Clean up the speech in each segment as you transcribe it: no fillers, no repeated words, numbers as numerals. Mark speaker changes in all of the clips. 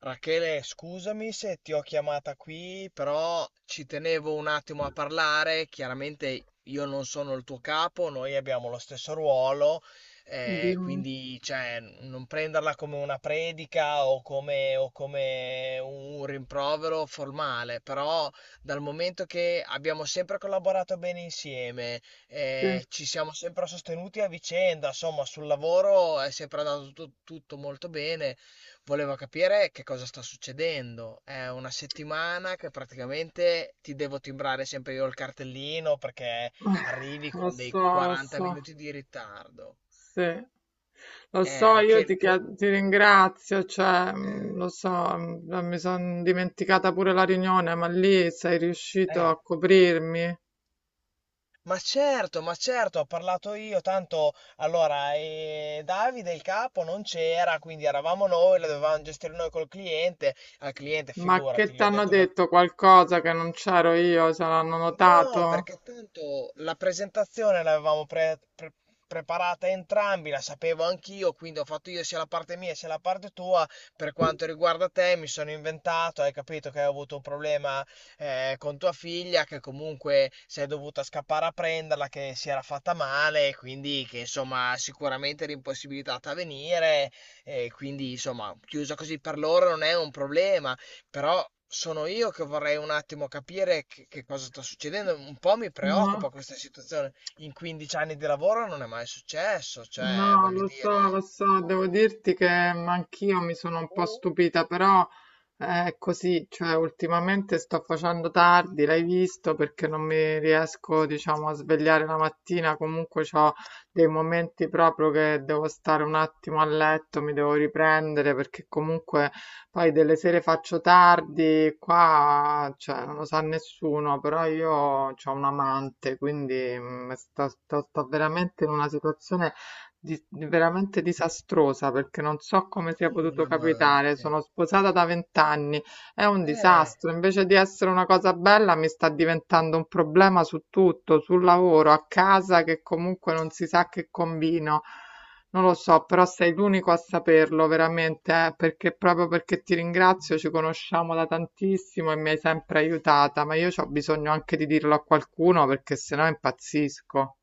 Speaker 1: Rachele, scusami se ti ho chiamata qui, però ci tenevo un attimo a parlare. Chiaramente io non sono il tuo capo, noi abbiamo lo stesso ruolo,
Speaker 2: Dimmi
Speaker 1: quindi cioè, non prenderla come una predica o come un rimprovero formale, però dal momento che abbiamo sempre collaborato bene insieme,
Speaker 2: se...
Speaker 1: ci siamo sempre sostenuti a vicenda, insomma, sul lavoro è sempre andato tutto molto bene. Volevo capire che cosa sta succedendo. È una settimana che praticamente ti devo timbrare sempre io il cartellino perché arrivi
Speaker 2: Lo
Speaker 1: con dei
Speaker 2: so, lo
Speaker 1: 40
Speaker 2: so,
Speaker 1: minuti di ritardo.
Speaker 2: sì. Lo so,
Speaker 1: Rachele, poi...
Speaker 2: ti ringrazio, cioè,
Speaker 1: Eh,
Speaker 2: lo so, mi sono dimenticata pure la riunione, ma lì sei riuscito
Speaker 1: eh.
Speaker 2: a coprirmi.
Speaker 1: Ma certo, ho parlato io, tanto allora Davide il capo non c'era, quindi eravamo noi, la dovevamo gestire noi col cliente, al cliente
Speaker 2: Ma
Speaker 1: figurati,
Speaker 2: che ti
Speaker 1: gli ho
Speaker 2: hanno
Speaker 1: detto che
Speaker 2: detto qualcosa che non c'ero io? Se l'hanno
Speaker 1: no,
Speaker 2: notato?
Speaker 1: perché tanto la presentazione l'avevamo preparata entrambi, la sapevo anch'io, quindi ho fatto io sia la parte mia sia la parte tua. Per quanto riguarda te, mi sono inventato, hai capito che hai avuto un problema con tua figlia, che comunque sei dovuta scappare a prenderla, che si era fatta male, quindi che insomma sicuramente era impossibilitata a venire, e quindi insomma chiusa così per loro non è un problema. Però sono io che vorrei un attimo capire che cosa sta succedendo. Un po' mi
Speaker 2: No.
Speaker 1: preoccupa questa situazione. In 15 anni di lavoro non è mai successo, cioè,
Speaker 2: No,
Speaker 1: voglio
Speaker 2: lo
Speaker 1: dire,
Speaker 2: so, devo dirti che anch'io mi sono un po' stupita, però è così, cioè ultimamente sto facendo tardi, l'hai visto, perché non mi riesco, diciamo, a svegliare la mattina. Comunque ho dei momenti proprio che devo stare un attimo a letto, mi devo riprendere, perché comunque poi delle sere faccio tardi, qua, cioè, non lo sa nessuno, però io ho un amante, quindi sto veramente in una situazione veramente disastrosa perché non so
Speaker 1: ma
Speaker 2: come sia
Speaker 1: come un
Speaker 2: potuto capitare.
Speaker 1: amante?
Speaker 2: Sono sposata da 20 anni, è un
Speaker 1: Eh,
Speaker 2: disastro. Invece di essere una cosa bella, mi sta diventando un problema su tutto, sul lavoro, a casa, che comunque non si sa che combino. Non lo so, però sei l'unico a saperlo veramente, perché proprio perché ti ringrazio, ci conosciamo da tantissimo e mi hai sempre aiutata, ma io ho bisogno anche di dirlo a qualcuno perché sennò impazzisco.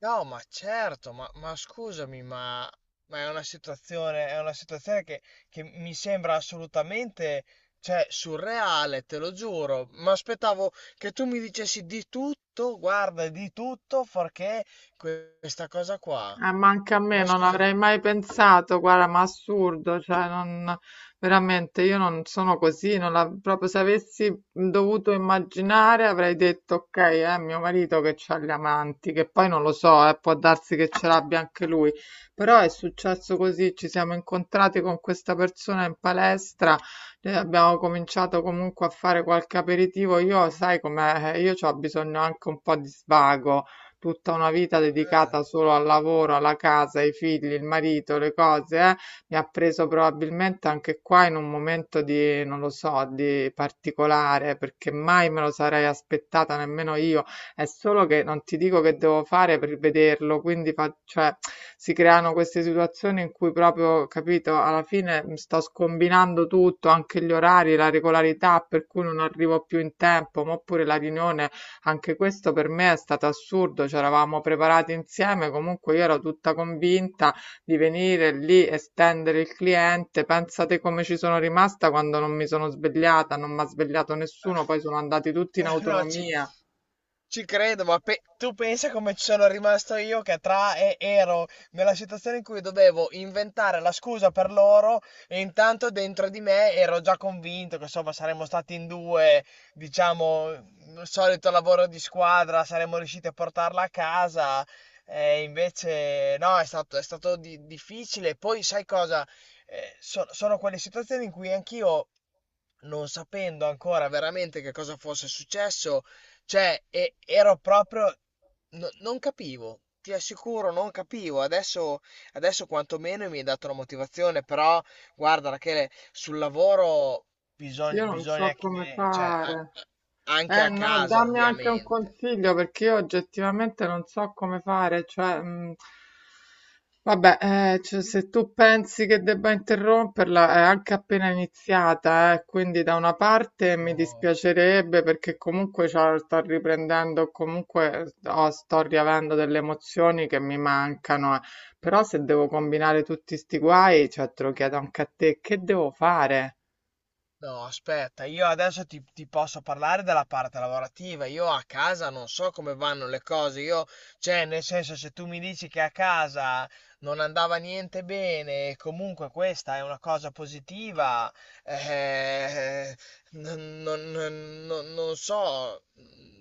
Speaker 1: no, ma certo, ma scusami, ma è una situazione che mi sembra assolutamente, cioè, surreale, te lo giuro. Ma aspettavo che tu mi dicessi di tutto, guarda, di tutto, perché questa cosa qua.
Speaker 2: Ma anche a me
Speaker 1: Ma
Speaker 2: non
Speaker 1: scusami,
Speaker 2: avrei mai pensato, guarda, ma assurdo, cioè non, veramente io non sono così, non la- proprio se avessi dovuto immaginare avrei detto ok, è mio marito che c'ha gli amanti, che poi non lo so, può darsi che ce l'abbia anche lui. Però è successo così, ci siamo incontrati con questa persona in palestra, abbiamo cominciato comunque a fare qualche aperitivo, io sai com'è, io ho bisogno anche un po' di svago, tutta una vita dedicata
Speaker 1: certo.
Speaker 2: solo al lavoro, alla casa, ai figli, il marito, le cose, mi ha preso probabilmente anche qua in un momento di, non lo so, di particolare, perché mai me lo sarei aspettata nemmeno io. È solo che non ti dico che devo fare per vederlo, quindi cioè, si creano queste situazioni in cui proprio, capito, alla fine mi sto scombinando tutto, anche gli orari, la regolarità, per cui non arrivo più in tempo, ma oppure la riunione, anche questo per me è stato assurdo, c'eravamo preparati insieme, comunque io ero tutta convinta di venire lì e stendere il cliente. Pensate come ci sono rimasta quando non mi sono svegliata, non mi ha svegliato nessuno, poi sono andati tutti in
Speaker 1: Ma no, ci,
Speaker 2: autonomia.
Speaker 1: ci credo, ma tu pensa come ci sono rimasto io che tra e ero nella situazione in cui dovevo inventare la scusa per loro e intanto dentro di me ero già convinto che insomma saremmo stati in due, diciamo, il solito lavoro di squadra, saremmo riusciti a portarla a casa e invece no, è stato difficile. Poi sai cosa? Sono quelle situazioni in cui anch'io non sapendo ancora veramente che cosa fosse successo, cioè ero proprio non capivo. Ti assicuro, non capivo. Adesso, adesso quantomeno mi hai dato la motivazione, però guarda, Rachele, sul lavoro bisogna,
Speaker 2: Io non
Speaker 1: bisogna
Speaker 2: so come
Speaker 1: che, cioè,
Speaker 2: fare.
Speaker 1: anche
Speaker 2: Eh
Speaker 1: a
Speaker 2: no,
Speaker 1: casa,
Speaker 2: dammi anche un
Speaker 1: ovviamente.
Speaker 2: consiglio perché io oggettivamente non so come fare, cioè, vabbè, cioè, se tu pensi che debba interromperla, è anche appena iniziata, quindi da una parte mi
Speaker 1: No.
Speaker 2: dispiacerebbe perché comunque cioè, sto riprendendo, comunque oh, sto riavendo delle emozioni che mi mancano, eh. Però se devo combinare tutti sti guai, cioè, te lo chiedo anche a te, che devo fare?
Speaker 1: No, aspetta, io adesso ti, ti posso parlare della parte lavorativa. Io a casa non so come vanno le cose. Io, cioè, nel senso, se tu mi dici che a casa non andava niente bene, e comunque questa è una cosa positiva, eh, non so,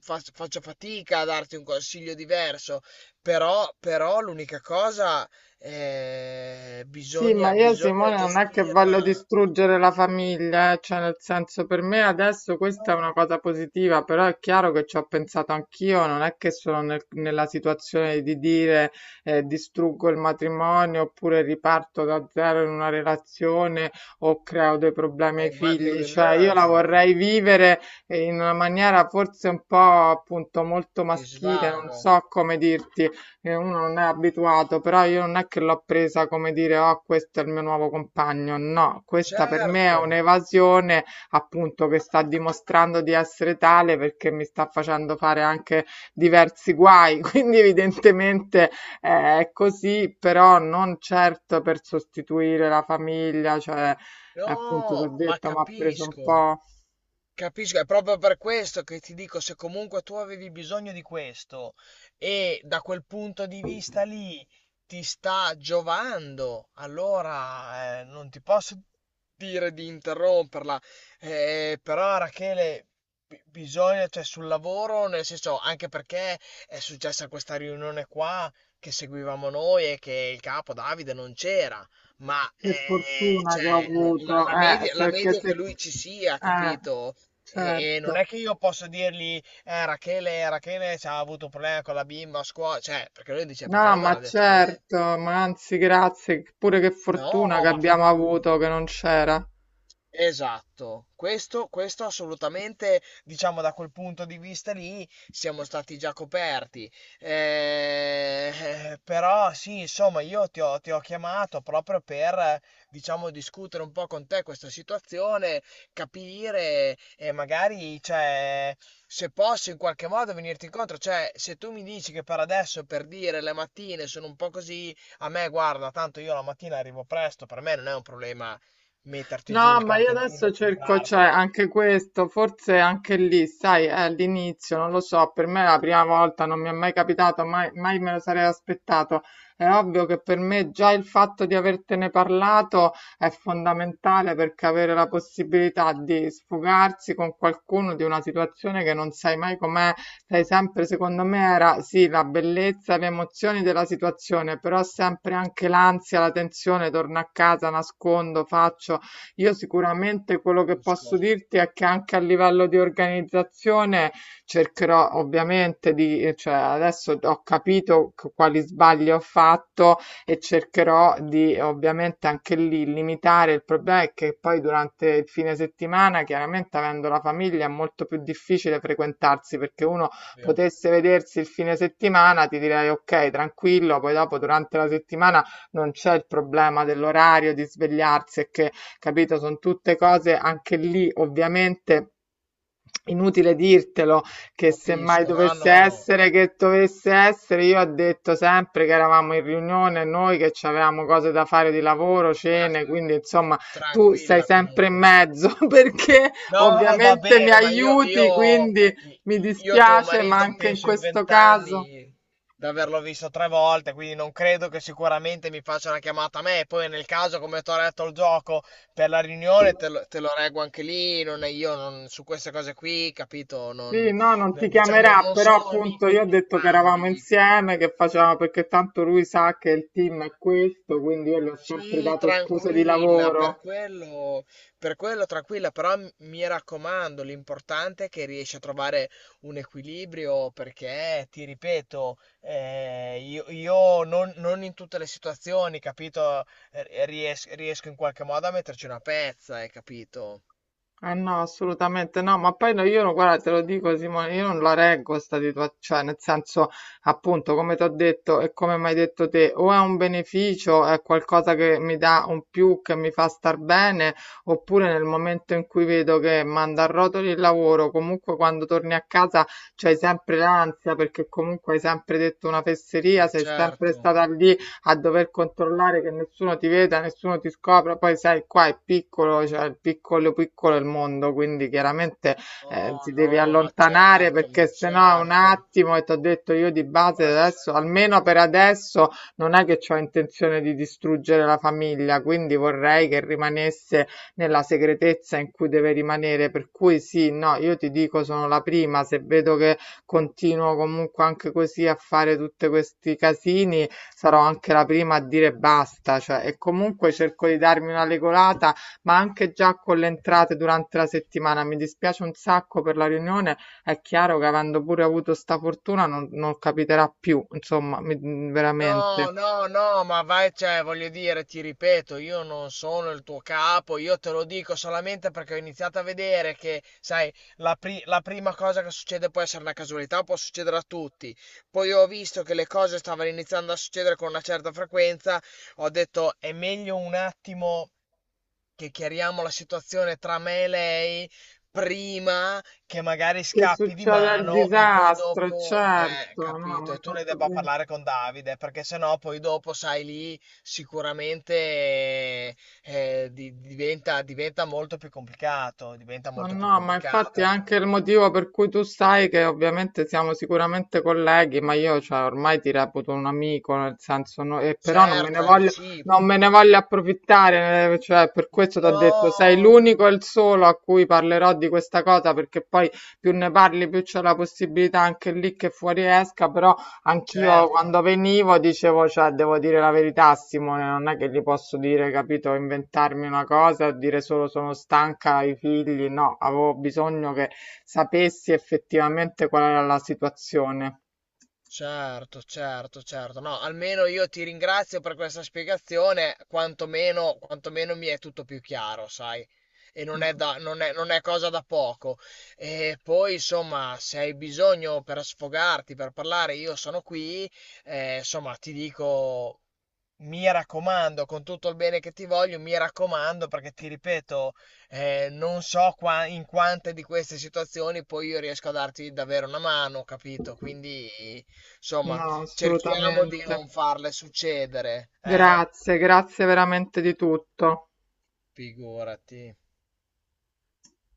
Speaker 1: faccio fatica a darti un consiglio diverso. Però, però l'unica cosa,
Speaker 2: Sì, ma
Speaker 1: bisogna,
Speaker 2: io
Speaker 1: bisogna
Speaker 2: Simone non è che voglio
Speaker 1: gestirla.
Speaker 2: distruggere la famiglia, cioè, nel senso, per me adesso questa è una
Speaker 1: No.
Speaker 2: cosa positiva, però è chiaro che ci ho pensato anch'io, non è che sono nella situazione di dire distruggo il matrimonio oppure riparto da zero in una relazione o creo dei problemi ai
Speaker 1: Me
Speaker 2: figli,
Speaker 1: lo
Speaker 2: cioè io la
Speaker 1: immagino,
Speaker 2: vorrei vivere in una maniera forse un po' appunto molto
Speaker 1: di
Speaker 2: maschile, non
Speaker 1: svago.
Speaker 2: so come dirti, che uno non è abituato. Però io non è che l'ho presa come dire, oh, questo è il mio nuovo compagno, no, questa per me è
Speaker 1: Certo,
Speaker 2: un'evasione, appunto, che sta dimostrando di essere tale perché mi sta facendo fare anche diversi guai, quindi evidentemente è così, però non certo per sostituire la famiglia, cioè appunto ti ho
Speaker 1: no, ma
Speaker 2: detto, mi ha preso un
Speaker 1: capisco.
Speaker 2: po'.
Speaker 1: Capisco, è proprio per questo che ti dico, se comunque tu avevi bisogno di questo e da quel punto di vista lì ti sta giovando, allora non ti posso dire di interromperla. Però Rachele, bisogna, cioè sul lavoro, nel senso, anche perché è successa questa riunione qua che seguivamo noi e che il capo Davide non c'era. Ma
Speaker 2: Che fortuna che ho
Speaker 1: cioè, la,
Speaker 2: avuto,
Speaker 1: la
Speaker 2: perché
Speaker 1: media è che
Speaker 2: se...
Speaker 1: lui ci sia,
Speaker 2: Eh,
Speaker 1: capito? E non
Speaker 2: certo.
Speaker 1: è che io posso dirgli, Rachele, Rachele c'ha avuto un problema con la bimba a scuola, cioè, perché lui dice, perché
Speaker 2: No,
Speaker 1: non me l'ha
Speaker 2: ma
Speaker 1: detto a me?
Speaker 2: certo, ma anzi grazie, pure che fortuna
Speaker 1: No,
Speaker 2: che
Speaker 1: ma
Speaker 2: abbiamo avuto
Speaker 1: figurati.
Speaker 2: che non c'era.
Speaker 1: Esatto, questo assolutamente, diciamo da quel punto di vista lì, siamo stati già coperti. Però sì, insomma, io ti ho chiamato proprio per, diciamo, discutere un po' con te questa situazione, capire e magari, cioè, se posso in qualche modo venirti incontro. Cioè, se tu mi dici che per adesso, per dire, le mattine sono un po' così, a me, guarda, tanto io la mattina arrivo presto, per me non è un problema metterti giù
Speaker 2: No,
Speaker 1: il
Speaker 2: ma io
Speaker 1: cartellino
Speaker 2: adesso
Speaker 1: e
Speaker 2: cerco, cioè,
Speaker 1: timbrartelo.
Speaker 2: anche questo, forse anche lì, sai, è all'inizio, non lo so, per me è la prima volta, non mi è mai capitato, mai, mai me lo sarei aspettato. È ovvio che per me già il fatto di avertene parlato è fondamentale, perché avere la possibilità di sfogarsi con qualcuno di una situazione che non sai mai com'è, sai sempre, secondo me, era sì, la bellezza, le emozioni della situazione, però sempre anche l'ansia, la tensione, torno a casa, nascondo, faccio, io sicuramente quello che posso
Speaker 1: Capisco,
Speaker 2: dirti è che anche a livello di organizzazione cercherò ovviamente di, cioè adesso ho capito quali sbagli ho fatto e cercherò di ovviamente anche lì limitare. Il problema è che poi durante il fine settimana, chiaramente avendo la famiglia, è molto più difficile frequentarsi, perché uno
Speaker 1: ovvio.
Speaker 2: potesse vedersi il fine settimana, ti direi ok, tranquillo, poi dopo durante la settimana non c'è il problema dell'orario, di svegliarsi e che, capito? Sono tutte cose anche lì, ovviamente. Inutile dirtelo, che se mai
Speaker 1: Capisco, no,
Speaker 2: dovesse
Speaker 1: no,
Speaker 2: essere, che dovesse essere, io ho detto sempre che eravamo in riunione, noi che ci avevamo cose da fare di lavoro, cene,
Speaker 1: basta,
Speaker 2: quindi insomma tu sei
Speaker 1: tranquilla
Speaker 2: sempre in
Speaker 1: comunque.
Speaker 2: mezzo perché
Speaker 1: No, no, va
Speaker 2: ovviamente mi
Speaker 1: bene, ma
Speaker 2: aiuti,
Speaker 1: io,
Speaker 2: quindi mi
Speaker 1: io tuo
Speaker 2: dispiace, ma
Speaker 1: marito
Speaker 2: anche in
Speaker 1: penso in
Speaker 2: questo caso.
Speaker 1: vent'anni di averlo visto tre volte, quindi non credo che sicuramente mi faccia una chiamata a me. Poi nel caso, come ti ho detto il gioco per la riunione, te lo reggo anche lì, non è io non- su queste cose qui, capito? Non,
Speaker 2: Sì, no, non ti
Speaker 1: diciamo,
Speaker 2: chiamerà,
Speaker 1: non
Speaker 2: però
Speaker 1: sono
Speaker 2: appunto
Speaker 1: amico
Speaker 2: io ho
Speaker 1: di
Speaker 2: detto che eravamo
Speaker 1: entrambi.
Speaker 2: insieme, che facevamo, perché tanto lui sa che il team è questo, quindi io gli ho sempre
Speaker 1: Sì,
Speaker 2: dato scuse di
Speaker 1: tranquilla,
Speaker 2: lavoro.
Speaker 1: per quello tranquilla, però mi raccomando, l'importante è che riesci a trovare un equilibrio perché, ti ripeto, io non, non in tutte le situazioni, capito, riesco in qualche modo a metterci una pezza, hai capito?
Speaker 2: Eh no, assolutamente no, ma poi no, io no, guarda, te lo dico Simone, io non la reggo sta situazione, cioè nel senso, appunto, come ti ho detto e come mi hai detto te, o è un beneficio, è qualcosa che mi dà un più, che mi fa star bene, oppure nel momento in cui vedo che manda a rotoli il lavoro, comunque quando torni a casa c'hai sempre l'ansia perché comunque hai sempre detto una fesseria,
Speaker 1: Ma
Speaker 2: sei sempre
Speaker 1: certo.
Speaker 2: stata lì a dover controllare che nessuno ti veda, nessuno ti scopra. Poi sai, qua è piccolo, cioè il piccolo piccolo è il mondo, quindi chiaramente
Speaker 1: No,
Speaker 2: ti devi
Speaker 1: no, ma
Speaker 2: allontanare
Speaker 1: certo, ma
Speaker 2: perché sennò è un
Speaker 1: certo,
Speaker 2: attimo, e ti ho detto, io di base
Speaker 1: ma
Speaker 2: adesso,
Speaker 1: certo.
Speaker 2: almeno per adesso, non è che ho intenzione di distruggere la famiglia, quindi vorrei che rimanesse nella segretezza in cui deve rimanere. Per cui sì, no, io ti dico sono la prima, se vedo che continuo comunque anche così a fare tutti questi casini, sarò anche la prima a dire basta, cioè, e comunque cerco di darmi una regolata, ma anche già con le entrate durante la settimana. Mi dispiace un sacco per la riunione, è chiaro che avendo pure avuto sta fortuna non, non capiterà più, insomma,
Speaker 1: No,
Speaker 2: veramente.
Speaker 1: no, no, ma vai, cioè, voglio dire, ti ripeto, io non sono il tuo capo, io te lo dico solamente perché ho iniziato a vedere che, sai, la, la prima cosa che succede può essere una casualità, può succedere a tutti. Poi ho visto che le cose stavano iniziando a succedere con una certa frequenza, ho detto è meglio un attimo che chiariamo la situazione tra me e lei prima che magari
Speaker 2: Che
Speaker 1: scappi di
Speaker 2: succede il
Speaker 1: mano e poi
Speaker 2: disastro,
Speaker 1: dopo,
Speaker 2: certo, no, mi
Speaker 1: capito,
Speaker 2: hai
Speaker 1: e tu ne
Speaker 2: fatto
Speaker 1: debba
Speaker 2: bene.
Speaker 1: parlare con Davide, perché sennò poi dopo, sai, lì sicuramente diventa, diventa molto più complicato, diventa
Speaker 2: Ma
Speaker 1: molto più
Speaker 2: no, ma infatti è
Speaker 1: complicato.
Speaker 2: anche il motivo per cui tu sai che ovviamente siamo sicuramente colleghi, ma io cioè, ormai ti reputo un amico, nel senso, e però non me ne
Speaker 1: Certo, è
Speaker 2: voglio, non me ne
Speaker 1: reciproco.
Speaker 2: voglio approfittare, cioè, per questo ti ho detto, sei
Speaker 1: No,
Speaker 2: l'unico e il solo a cui parlerò di questa cosa, perché poi più ne parli, più c'è la possibilità anche lì che fuori esca, però anch'io
Speaker 1: certo.
Speaker 2: quando venivo dicevo, cioè, devo dire la verità a Simone, non è che gli posso dire, capito, inventarmi una cosa e dire solo sono stanca ai figli, no, avevo bisogno che sapessi effettivamente qual era la situazione.
Speaker 1: Certo, certo, certo. No, almeno io ti ringrazio per questa spiegazione, quantomeno, quantomeno mi è tutto più chiaro, sai? E non è,
Speaker 2: Mm.
Speaker 1: non è cosa da poco. E poi, insomma, se hai bisogno per sfogarti, per parlare, io sono qui. Insomma, ti dico, mi raccomando, con tutto il bene che ti voglio, mi raccomando, perché ti ripeto, non so in quante di queste situazioni poi io riesco a darti davvero una mano, capito? Quindi, insomma,
Speaker 2: No,
Speaker 1: cerchiamo di
Speaker 2: assolutamente.
Speaker 1: non farle succedere, eh?
Speaker 2: Grazie, grazie veramente di tutto.
Speaker 1: Figurati.